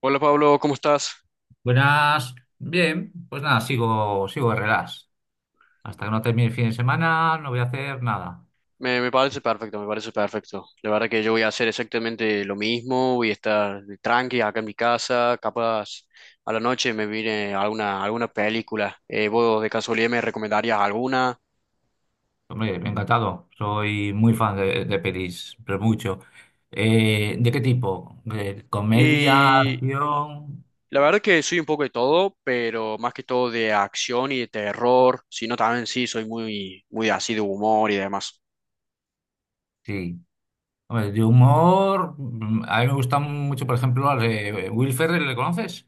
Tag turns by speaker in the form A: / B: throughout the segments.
A: Hola Pablo, ¿cómo estás?
B: Buenas, bien, pues nada, sigo de relax. Hasta que no termine el fin de semana, no voy a hacer nada.
A: Me parece perfecto, me parece perfecto. La verdad que yo voy a hacer exactamente lo mismo, voy a estar tranqui acá en mi casa, capaz a la noche me viene alguna película. ¿Vos de casualidad me recomendarías alguna?
B: Hombre, me ha encantado. Soy muy fan de pelis, pero mucho. ¿De qué tipo? ¿De comedia,
A: Y
B: acción?
A: la verdad que soy un poco de todo, pero más que todo de acción y de terror, sino también sí, soy muy así de humor y demás.
B: Sí. Hombre, de humor. A mí me gusta mucho, por ejemplo, al de Will Ferrell, ¿le conoces?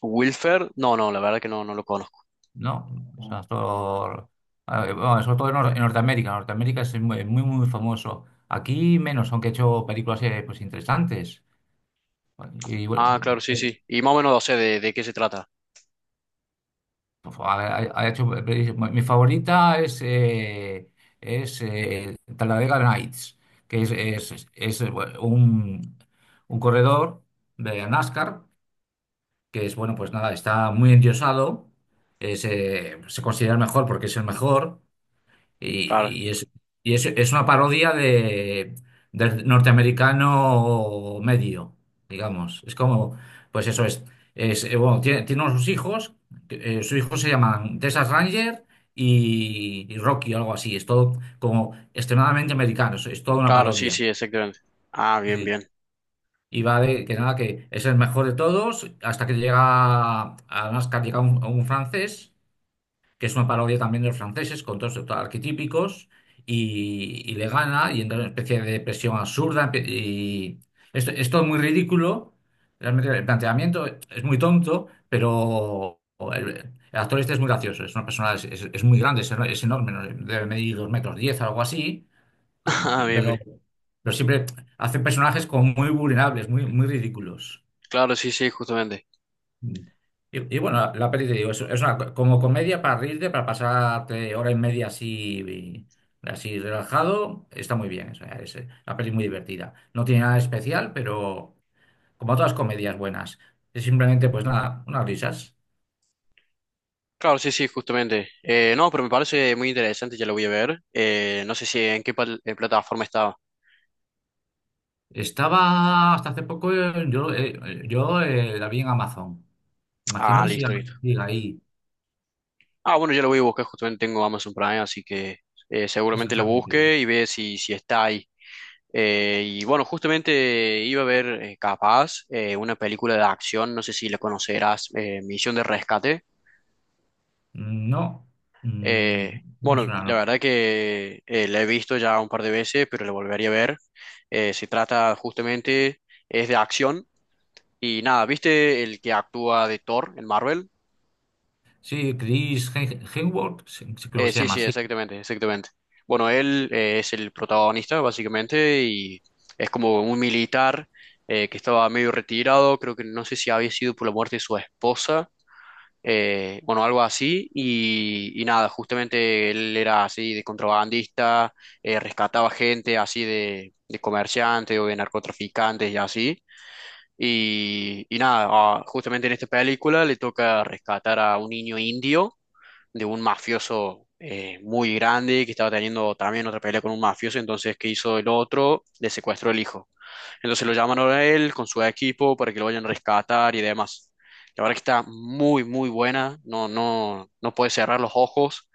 A: ¿Wilfer? No, no, la verdad que no, no lo conozco.
B: No, es un actor. A ver, bueno, sobre todo en, en Norteamérica. Norteamérica es muy, muy, muy famoso. Aquí menos, aunque he hecho películas pues, interesantes. Vale, y
A: Ah,
B: bueno,
A: claro, sí, sí. Y más o menos, o sea, de qué se trata.
B: por favor, ha hecho, mi favorita es Talladega Nights, que es, bueno, un corredor de NASCAR, que es, bueno, pues nada, está muy endiosado, se considera el mejor porque es el mejor,
A: Claro.
B: y, y es una parodia de, del norteamericano medio, digamos. Es como, pues eso es. Es bueno, tiene, tiene unos hijos, que, sus hijos se llaman Texas Ranger y Rocky o algo así. Es todo como extremadamente americano, es toda una
A: Claro, sí,
B: parodia.
A: sí, exactamente. Ah, bien,
B: Sí.
A: bien.
B: Y va de que nada, que es el mejor de todos, hasta que llega a NASCAR, llega un a un francés que es una parodia también de los franceses, con todos estos arquetípicos, y le gana y entra en una especie de depresión absurda. Y esto es todo muy ridículo, realmente el planteamiento es muy tonto, pero el actor este es muy gracioso, es una persona, es muy grande, es enorme, ¿no? Debe medir dos metros diez, algo así, y-
A: Ah, bien,
B: pero,
A: bien.
B: pero siempre hace personajes como muy vulnerables, muy, muy ridículos.
A: Claro, sí, sí, justamente.
B: Y, y bueno, la peli te digo, como comedia para reírte, para pasarte hora y media así, así relajado, está muy bien. O sea, es una peli muy divertida. No tiene nada especial, pero como todas comedias buenas, es simplemente pues nada, unas risas.
A: Claro, sí, sí, justamente. No, pero me parece muy interesante, ya lo voy a ver. No sé si en qué plataforma estaba.
B: Estaba hasta hace poco, yo, yo la vi en Amazon. Imagino
A: Ah,
B: que siga,
A: listo, listo.
B: siga ahí,
A: Ah, bueno, ya lo voy a buscar, justamente tengo Amazon Prime, así que seguramente lo
B: exactamente.
A: busque y ve si está ahí. Y bueno, justamente iba a ver capaz una película de acción, no sé si la conocerás, Misión de Rescate.
B: No, mm,
A: Eh,
B: no me
A: bueno,
B: suena,
A: la
B: no.
A: verdad que la he visto ya un par de veces, pero la volvería a ver. Se trata justamente, es de acción y nada, ¿viste el que actúa de Thor en Marvel?
B: Sí, Hemsworth, sí, sí, creo que se
A: Sí,
B: llama
A: sí,
B: así.
A: exactamente, exactamente. Bueno, él es el protagonista básicamente y es como un militar que estaba medio retirado, creo que no sé si había sido por la muerte de su esposa bueno, algo así, y nada, justamente él era así de contrabandista, rescataba gente así de comerciantes o de narcotraficantes y así, y nada, ah, justamente en esta película le toca rescatar a un niño indio de un mafioso muy grande que estaba teniendo también otra pelea con un mafioso, entonces, ¿qué hizo el otro? Le secuestró el hijo. Entonces lo llaman ahora a él con su equipo para que lo vayan a rescatar y demás. La verdad que está muy buena. No, no, no puedes cerrar los ojos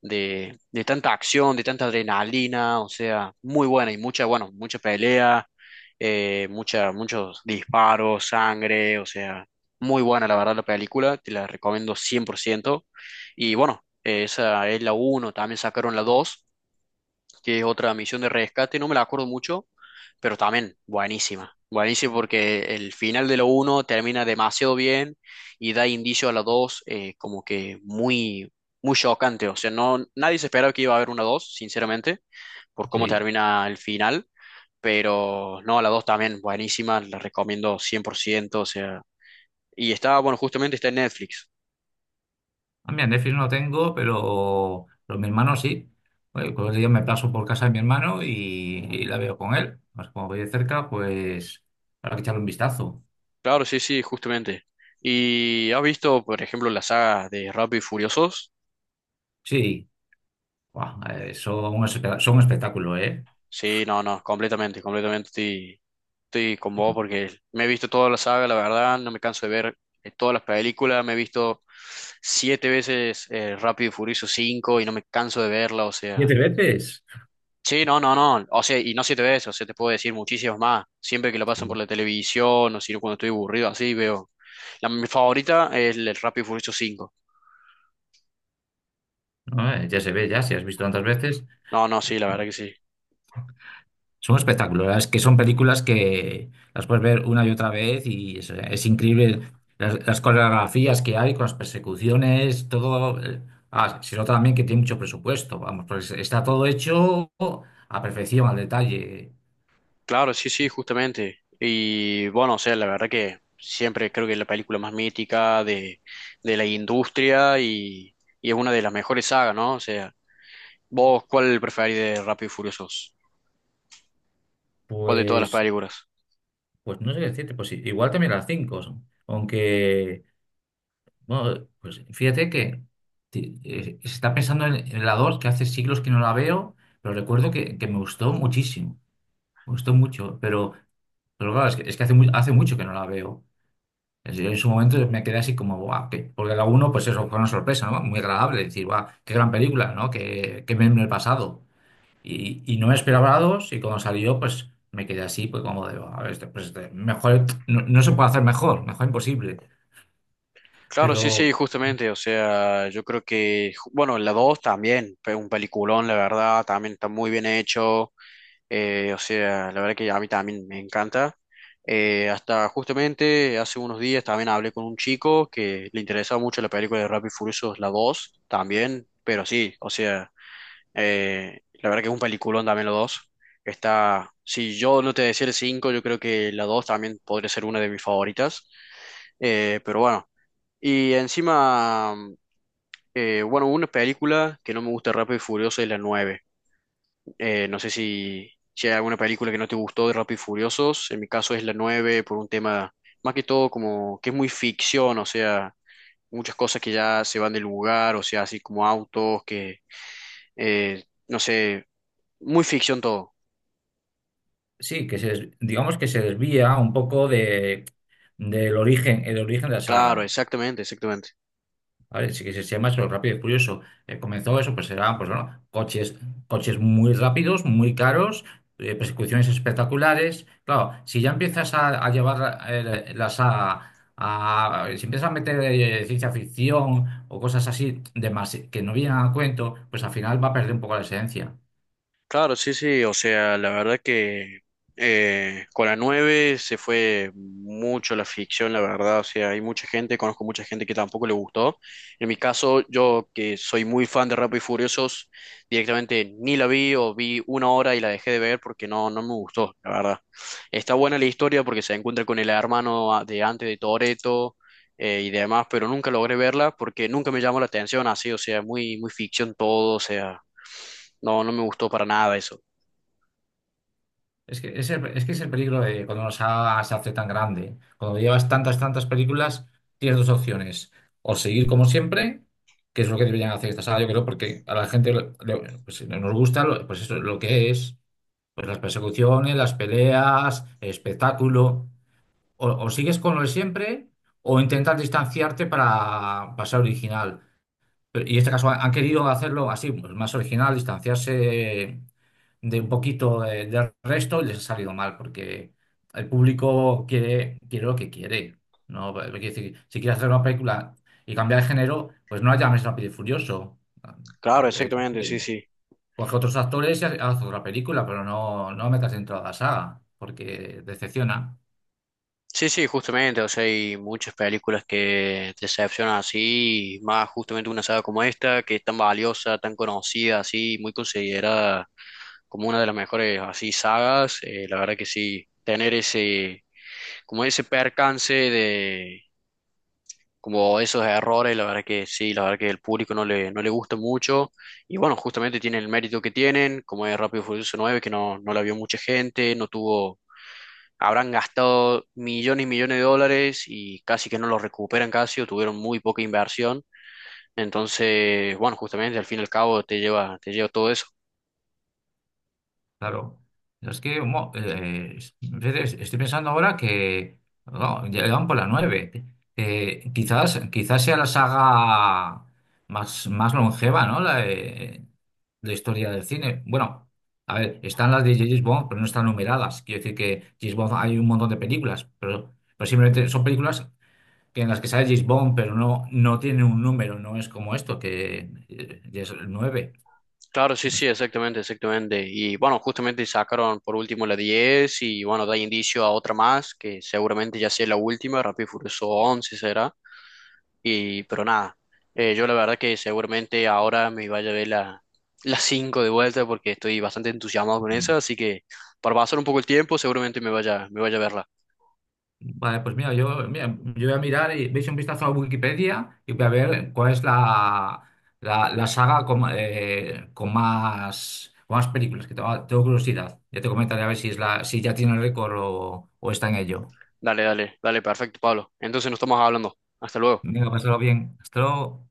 A: de tanta acción, de tanta adrenalina. O sea, muy buena y mucha, bueno, mucha pelea, mucha, muchos disparos, sangre. O sea, muy buena la verdad la película. Te la recomiendo 100%. Y bueno, esa es la uno también sacaron la 2 que es otra misión de rescate, no me la acuerdo mucho, pero también buenísima. Buenísima porque el final de la uno termina demasiado bien y da indicio a la 2 como que muy, muy chocante. O sea, no, nadie se esperaba que iba a haber una 2 sinceramente, por cómo
B: Sí.
A: termina el final. Pero no, la 2 también buenísima, la recomiendo cien por ciento. O sea, y está, bueno, justamente está en Netflix.
B: Ah, mira, Netflix no tengo, pero mi hermano sí. Oye, pues yo me paso por casa de mi hermano y la veo con él. Pues como voy de cerca, pues habrá que echarle un vistazo.
A: Claro, sí, sí, justamente. ¿Y has visto, por ejemplo, la saga de Rápido y Furiosos?
B: Sí, buah, son un espectáculo, ¿eh?
A: Sí, no, no, completamente, completamente estoy, estoy con vos porque me he visto toda la saga, la verdad, no me canso de ver todas las películas, me he visto 7 veces Rápido y Furioso 5 y no me canso de verla, o sea,
B: Siete veces.
A: sí, no, no, no, o sea, y no 7 veces, o sea, te puedo decir muchísimas más, siempre que lo pasan por
B: Sí.
A: la televisión o si no cuando estoy aburrido, así veo. La, mi favorita es el Rápido y Furioso 5,
B: No, ya se ve, ya, si has visto tantas veces.
A: no, no, sí, la verdad que sí.
B: Son un espectáculo, la que son películas que las puedes ver una y otra vez y es increíble las coreografías que hay con las persecuciones, todo. Eh, ah, se nota también que tiene mucho presupuesto, vamos, pues está todo hecho a perfección, al detalle.
A: Claro, sí, sí, justamente. Y bueno, o sea, la verdad que siempre creo que es la película más mítica de la industria y es una de las mejores sagas, ¿no? O sea, ¿vos cuál preferís de Rápido y Furiosos? ¿Cuál de todas las
B: Pues,
A: películas?
B: pues no sé qué decirte, pues igual también las cinco, son. Aunque, bueno, pues fíjate que se está pensando en la dos, que hace siglos que no la veo, pero recuerdo que me gustó muchísimo, me gustó mucho, pero... Pero claro, es que hace, hace mucho que no la veo. Es decir, en su momento me quedé así como, guau, que- porque la uno pues eso fue una sorpresa, ¿no? Muy agradable, decir, guau, qué gran película, ¿no? Qué, qué meme el pasado. Y no me esperaba la 2 y cuando salió, pues me quedé así, pues como de, "Buah, a ver, pues este, mejor, no, no se puede hacer mejor, mejor imposible.
A: Claro, sí,
B: Pero
A: sí, justamente. O sea, yo creo que, bueno, la 2 también, fue un peliculón, la verdad, también está muy bien hecho. O sea, la verdad que a mí también me encanta. Hasta justamente hace unos días también hablé con un chico que le interesaba mucho la película de Rápido y Furiosos, la 2, también, pero sí, o sea, la verdad que es un peliculón también la dos. Está, si yo no te decía el 5, yo creo que la 2 también podría ser una de mis favoritas. Pero bueno, y encima, bueno, una película que no me gusta de Rápido y Furioso es la 9. No sé si hay alguna película que no te gustó de Rápido y Furiosos. En mi caso es la 9 por un tema más que todo como que es muy ficción, o sea, muchas cosas que ya se van del lugar, o sea, así como autos que, no sé, muy ficción todo.
B: sí, que digamos que se desvía un poco de, del origen, el origen de la
A: Claro,
B: saga.
A: exactamente, exactamente.
B: ¿Vale? Sí que se llama eso, rápido y furioso. Comenzó eso, pues eran pues, bueno, coches, coches muy rápidos, muy caros, persecuciones espectaculares. Claro, si ya empiezas a llevar si empiezas a meter ciencia ficción o cosas así que no vienen a cuento, pues al final va a perder un poco la esencia.
A: Claro, sí, sí, o sea, la verdad que con la 9 se fue mucho la ficción, la verdad, o sea, hay mucha gente, conozco mucha gente que tampoco le gustó. En mi caso, yo que soy muy fan de Rápido y Furiosos, directamente ni la vi o vi 1 hora y la dejé de ver porque no, no me gustó, la verdad. Está buena la historia porque se encuentra con el hermano de antes de Toretto, y demás, pero nunca logré verla porque nunca me llamó la atención así, o sea, muy, muy ficción todo, o sea, no, no me gustó para nada eso.
B: Es que es el, es que es el peligro de cuando una saga se hace tan grande. Cuando llevas tantas, tantas películas, tienes dos opciones. O seguir como siempre, que es lo que deberían hacer esta saga, yo creo, porque a la gente pues, si no nos gusta pues eso, lo que es. Pues las persecuciones, las peleas, el espectáculo. O sigues con lo de siempre, o intentas distanciarte para pasar original. Y en este caso han querido hacerlo así, pues más original, distanciarse de un poquito del resto y les ha salido mal, porque el público quiere, quiere lo que quiere. No, eh, quiere decir, si quieres hacer una película y cambiar de género, pues no la llames Rápido y Furioso. A
A: Claro,
B: ver,
A: exactamente, sí, sí.
B: coge otros actores y haz otra película, pero no, no metas dentro de la saga, porque decepciona.
A: Sí, sí, justamente, o sea, hay muchas películas que te decepcionan así, y más justamente una saga como esta, que es tan valiosa, tan conocida, así, muy considerada como una de las mejores así sagas, la verdad que sí, tener ese, como ese percance de como esos errores, la verdad que sí, la verdad que el público no no le gusta mucho. Y bueno, justamente tienen el mérito que tienen, como es Rápido y Furioso 9, que no, no la vio mucha gente, no tuvo, habrán gastado millones y millones de dólares y casi que no lo recuperan casi, o tuvieron muy poca inversión. Entonces, bueno, justamente al fin y al cabo te lleva todo eso.
B: Claro. Es que fíjate, estoy pensando ahora que no, ya van por la 9. Quizás, quizás sea la saga más, más longeva, ¿no? La de historia del cine. Bueno, a ver, están las de James Bond, pero no están numeradas. Quiero decir que James Bond hay un montón de películas, pero simplemente son películas que en las que sale James Bond, pero no, no tiene un número, no es como esto, que ya es el 9.
A: Claro, sí,
B: No
A: sí,
B: sé.
A: exactamente, exactamente. Y bueno, justamente sacaron por último la 10 y bueno, da indicio a otra más, que seguramente ya sea la última, Rápido y Furioso 11 será. Y, pero nada, yo la verdad que seguramente ahora me vaya a ver la, la 5 de vuelta porque estoy bastante entusiasmado con esa, así que para pasar un poco el tiempo seguramente me vaya a verla.
B: Vale, pues mira, yo voy a mirar y veis un vistazo a Wikipedia y voy a ver cuál es la, la, la saga con más películas, que tengo, tengo curiosidad. Ya te comentaré a ver si, es la, si ya tiene el récord o está en ello.
A: Dale, dale, dale, perfecto, Pablo. Entonces nos estamos hablando. Hasta luego.
B: Venga, pasarlo bien. Hasta luego.